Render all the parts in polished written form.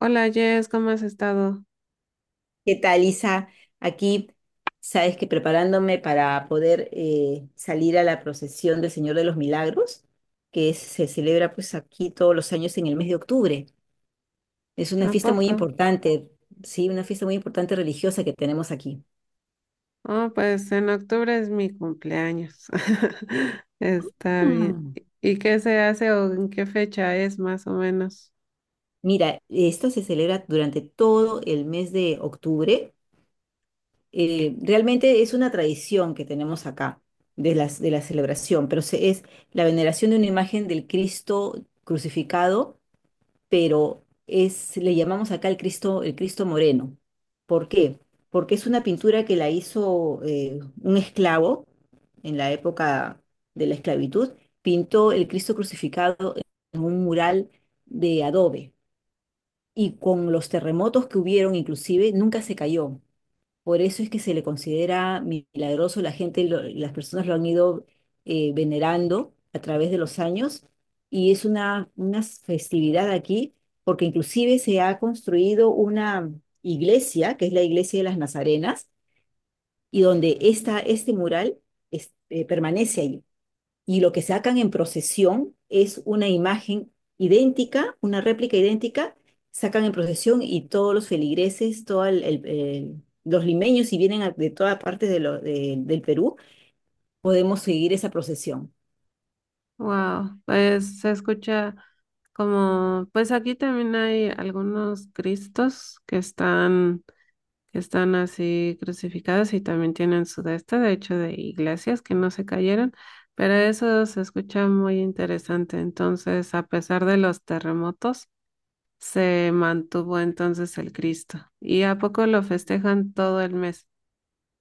Hola, Jess, ¿cómo has estado? ¿Qué tal, Isa? Aquí, sabes que preparándome para poder salir a la procesión del Señor de los Milagros, se celebra pues aquí todos los años en el mes de octubre. Es una ¿A fiesta muy poco? importante, sí, una fiesta muy importante religiosa que tenemos aquí. Oh, pues en octubre es mi cumpleaños. Está bien. Mm. ¿Y qué se hace o en qué fecha es más o menos? Mira, esta se celebra durante todo el mes de octubre. Realmente es una tradición que tenemos acá de la celebración, pero es la veneración de una imagen del Cristo crucificado. Le llamamos acá el Cristo Moreno. ¿Por qué? Porque es una pintura que la hizo un esclavo en la época de la esclavitud. Pintó el Cristo crucificado en un mural de adobe, y con los terremotos que hubieron inclusive nunca se cayó. Por eso es que se le considera milagroso. La gente, las personas lo han ido venerando a través de los años, y es una festividad aquí porque inclusive se ha construido una iglesia, que es la iglesia de las Nazarenas, y donde este mural permanece allí. Y lo que sacan en procesión es una imagen idéntica, una réplica idéntica. Sacan en procesión, y todos los feligreses, todos los limeños, si vienen de todas partes del Perú, podemos seguir esa procesión Wow, pues se escucha como, pues aquí también hay algunos cristos que están así crucificados y también tienen su de este, de hecho de iglesias que no se cayeron, pero eso se escucha muy interesante. Entonces, a pesar de los terremotos, se mantuvo entonces el Cristo. ¿Y a poco lo festejan todo el mes?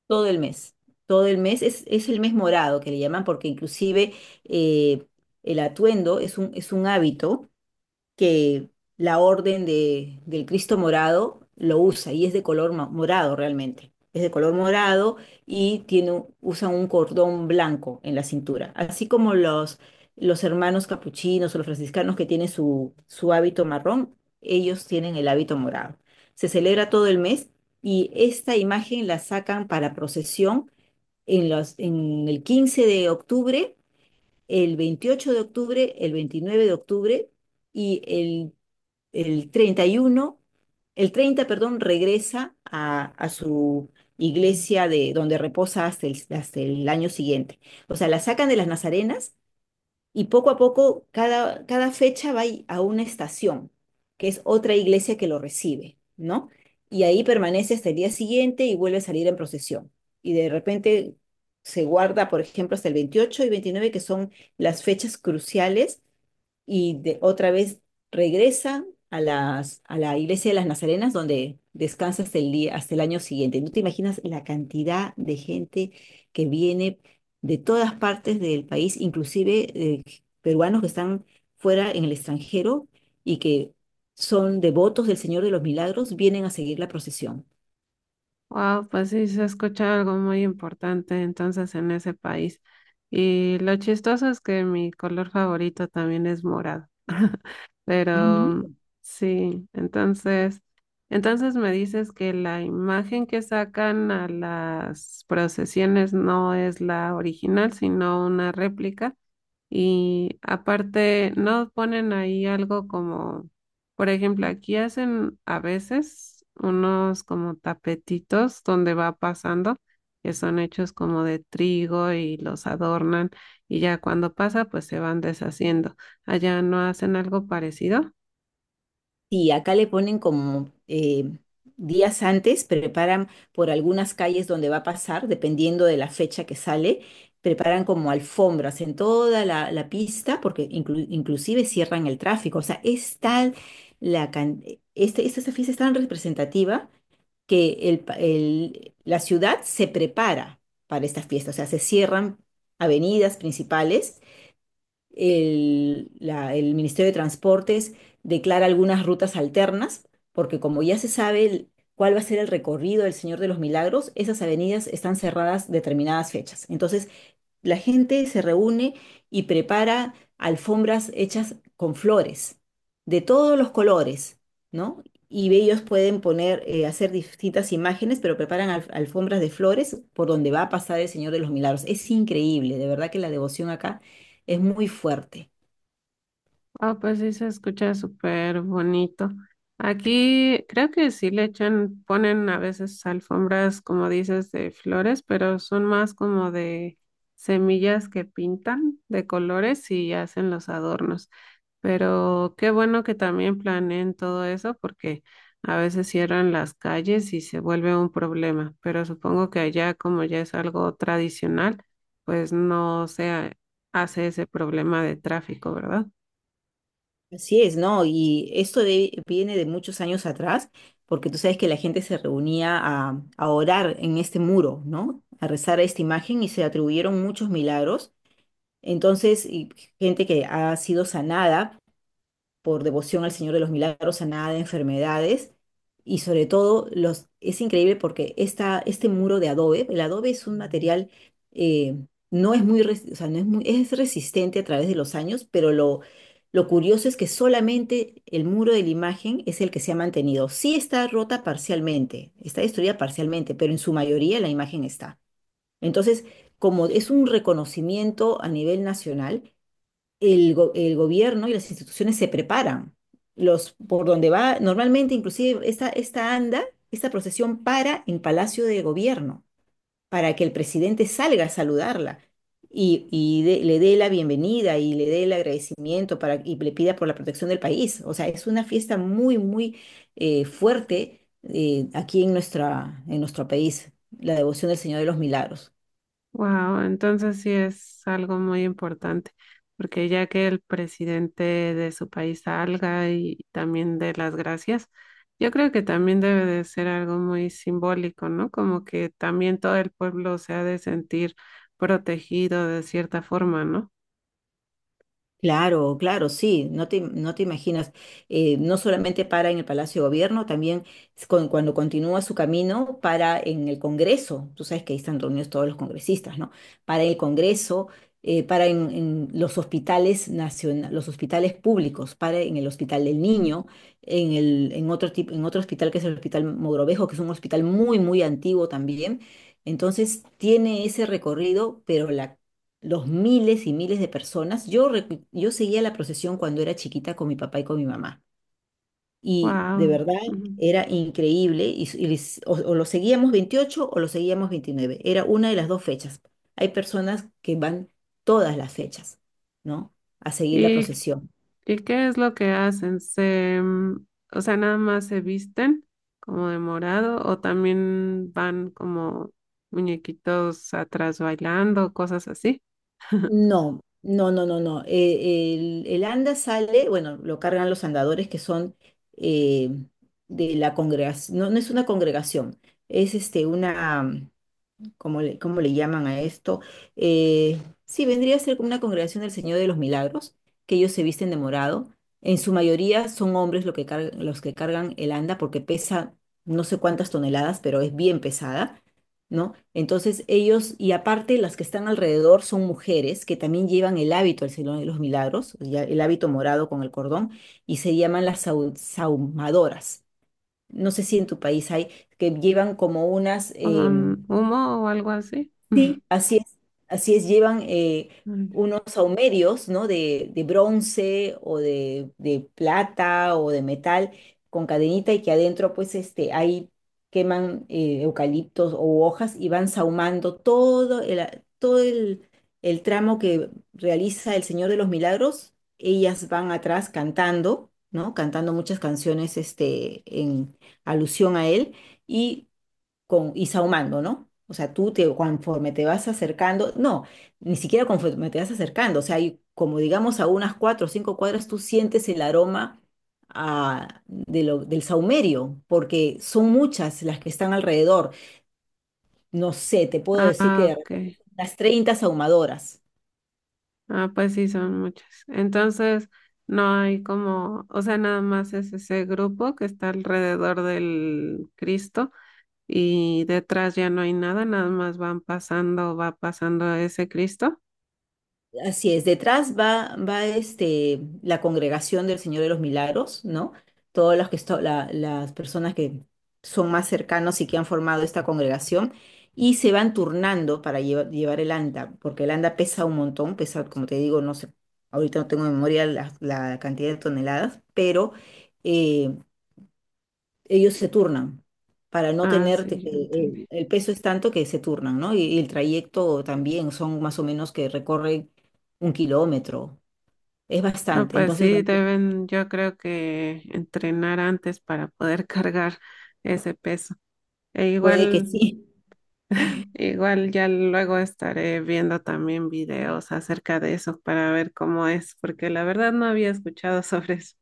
todo el mes. Todo el mes es, el mes morado que le llaman, porque inclusive eh, el atuendo es un hábito que la orden de, del Cristo morado lo usa, y es de color morado realmente. Es de color morado y tiene, usa un cordón blanco en la cintura, así como los hermanos capuchinos o los franciscanos que tienen su, su hábito marrón. Ellos tienen el hábito morado. Se celebra todo el mes y esta imagen la sacan para procesión en el 15 de octubre, el 28 de octubre, el 29 de octubre y el 31, el 30, perdón, regresa a su iglesia, de donde reposa hasta el año siguiente. O sea, la sacan de las Nazarenas y poco a poco cada fecha va a una estación, que es otra iglesia que lo recibe, ¿no? Y ahí permanece hasta el día siguiente y vuelve a salir en procesión. Y de repente se guarda, por ejemplo, hasta el 28 y 29, que son las fechas cruciales, y de, otra vez regresa a, las, a la iglesia de las Nazarenas, donde descansa hasta el día, hasta el año siguiente. No te imaginas la cantidad de gente que viene de todas partes del país, inclusive peruanos que están fuera en el extranjero y que son devotos del Señor de los Milagros, vienen a seguir la procesión. Wow, pues sí, se escucha algo muy importante entonces en ese país. Y lo chistoso es que mi color favorito también es morado. Pero sí, entonces, entonces me dices que la imagen que sacan a las procesiones no es la original, sino una réplica. Y aparte, no ponen ahí algo como, por ejemplo, aquí hacen a veces unos como tapetitos donde va pasando, que son hechos como de trigo y los adornan y ya cuando pasa, pues se van deshaciendo. Allá no hacen algo parecido. Sí, acá le ponen como días antes, preparan por algunas calles donde va a pasar, dependiendo de la fecha que sale, preparan como alfombras en toda la pista, porque inclusive cierran el tráfico. O sea, es tal la can- este, esta fiesta, es tan representativa que la ciudad se prepara para esta fiesta. O sea, se cierran avenidas principales. El Ministerio de Transportes declara algunas rutas alternas, porque como ya se sabe cuál va a ser el recorrido del Señor de los Milagros, esas avenidas están cerradas determinadas fechas. Entonces, la gente se reúne y prepara alfombras hechas con flores de todos los colores, ¿no? Y ellos pueden poner, hacer distintas imágenes, pero preparan alfombras de flores por donde va a pasar el Señor de los Milagros. Es increíble, de verdad que la devoción acá es muy fuerte. Ah, pues sí se escucha súper bonito. Aquí creo que sí le echan, ponen a veces alfombras, como dices, de flores, pero son más como de semillas que pintan de colores y hacen los adornos. Pero qué bueno que también planeen todo eso porque a veces cierran las calles y se vuelve un problema. Pero supongo que allá, como ya es algo tradicional, pues no se hace ese problema de tráfico, ¿verdad? Así es, ¿no? Y esto viene de muchos años atrás, porque tú sabes que la gente se reunía a orar en este muro, ¿no? A rezar a esta imagen, y se atribuyeron muchos milagros. Entonces, y gente que ha sido sanada por devoción al Señor de los Milagros, sanada de enfermedades. Y sobre todo, es increíble porque esta, este muro de adobe, el adobe es un material, eh, no es muy, o sea, no es muy, es resistente a través de los años. Pero lo curioso es que solamente el muro de la imagen es el que se ha mantenido. Sí está rota parcialmente, está destruida parcialmente, pero en su mayoría la imagen está. Entonces, como es un reconocimiento a nivel nacional, el gobierno y las instituciones se preparan. Los, por donde va, normalmente inclusive esta anda, esta procesión, para en Palacio de Gobierno, para que el presidente salga a saludarla y le dé la bienvenida y le dé el agradecimiento y le pida por la protección del país. O sea, es una fiesta muy, muy fuerte aquí en nuestro país, la devoción del Señor de los Milagros. Wow, entonces sí es algo muy importante, porque ya que el presidente de su país salga y también dé las gracias, yo creo que también debe de ser algo muy simbólico, ¿no? Como que también todo el pueblo se ha de sentir protegido de cierta forma, ¿no? Claro, claro, sí, no te imaginas, no solamente para en el Palacio de Gobierno, también es cuando continúa su camino, para en el Congreso. Tú sabes que ahí están reunidos todos los congresistas, ¿no? Para el Congreso, para en los hospitales nacionales, los hospitales públicos, para en el Hospital del Niño, en el, en otro tipo, en otro hospital que es el Hospital Mogrovejo, que es un hospital muy, muy antiguo también. Entonces tiene ese recorrido, pero la, los miles y miles de personas. Yo, yo seguía la procesión cuando era chiquita con mi papá y con mi mamá. Y de Wow. verdad era increíble. O lo seguíamos 28 o lo seguíamos 29. Era una de las dos fechas. Hay personas que van todas las fechas, ¿no? A seguir la ¿Y procesión. ¿y qué es lo que hacen? Se, o sea, nada más se visten como de morado o también van como muñequitos atrás bailando, cosas así, No, no, no, no, no. El anda sale, bueno, lo cargan los andadores que son eh, de la congregación. No, no es una congregación, es una. ¿cómo le, llaman a esto? Sí, vendría a ser como una congregación del Señor de los Milagros, que ellos se visten de morado. En su mayoría son hombres, lo que los que cargan el anda, porque pesa no sé cuántas toneladas, pero es bien pesada, ¿no? Entonces ellos, y aparte las que están alrededor son mujeres que también llevan el hábito del Señor de los Milagros, ya el hábito morado con el cordón, y se llaman las sahumadoras. No sé si en tu país hay, que llevan como unas, con humo o algo así. sí, así es, llevan Mm. unos saumerios, ¿no? De bronce, o de plata, o de metal, con cadenita, y que adentro pues este, ahí queman eucaliptos o hojas, y van saumando el tramo que realiza el Señor de los Milagros. Ellas van atrás cantando, ¿no? Cantando muchas canciones este, en alusión a él. Y con, y sahumando, ¿no? O sea, conforme te vas acercando, no, ni siquiera conforme te vas acercando, o sea, hay, como digamos, a unas cuatro o cinco cuadras, tú sientes el aroma, del sahumerio, porque son muchas las que están alrededor. No sé, te puedo decir que Ah, de ok. repente son unas sahumadoras. Ah, pues sí, son muchas. Entonces, no hay como, o sea, nada más es ese grupo que está alrededor del Cristo y detrás ya no hay nada, nada más van pasando, va pasando ese Cristo. Así es, detrás va, va este, la congregación del Señor de los Milagros, ¿no? Todas las, que las personas que son más cercanos y que han formado esta congregación y se van turnando para llevar el anda, porque el anda pesa un montón, pesa, como te digo, no sé, ahorita no tengo en memoria la cantidad de toneladas, pero eh, ellos se turnan para no Ah, sí, tenerte yo que entendí. El peso es tanto que se turnan, ¿no? Y el trayecto también son más o menos que recorren 1 kilómetro, es No, bastante, pues entonces sí, van turnados. deben, yo creo que entrenar antes para poder cargar ese peso. E Puede que igual, sí. igual ya luego estaré viendo también videos acerca de eso para ver cómo es, porque la verdad no había escuchado sobre eso.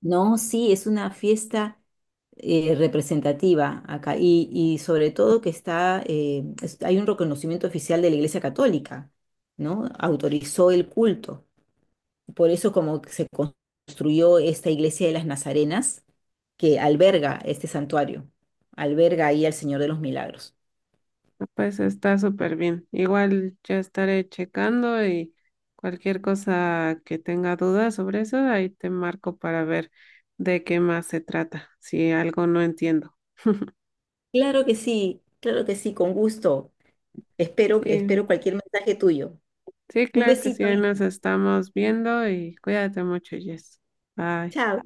No, sí, es una fiesta representativa acá, y sobre todo que está, hay un reconocimiento oficial de la Iglesia Católica, ¿no? Autorizó el culto, por eso como que se construyó esta iglesia de las Nazarenas, que alberga este santuario, alberga ahí al Señor de los Milagros. No, pues está súper bien. Igual yo estaré checando y cualquier cosa que tenga dudas sobre eso, ahí te marco para ver de qué más se trata, si algo no entiendo. Claro que sí, con gusto. Espero Sí. cualquier mensaje tuyo. Sí, Un claro que sí, besito, ahí nos Isa. estamos viendo y cuídate mucho, Jess. Bye. Chao.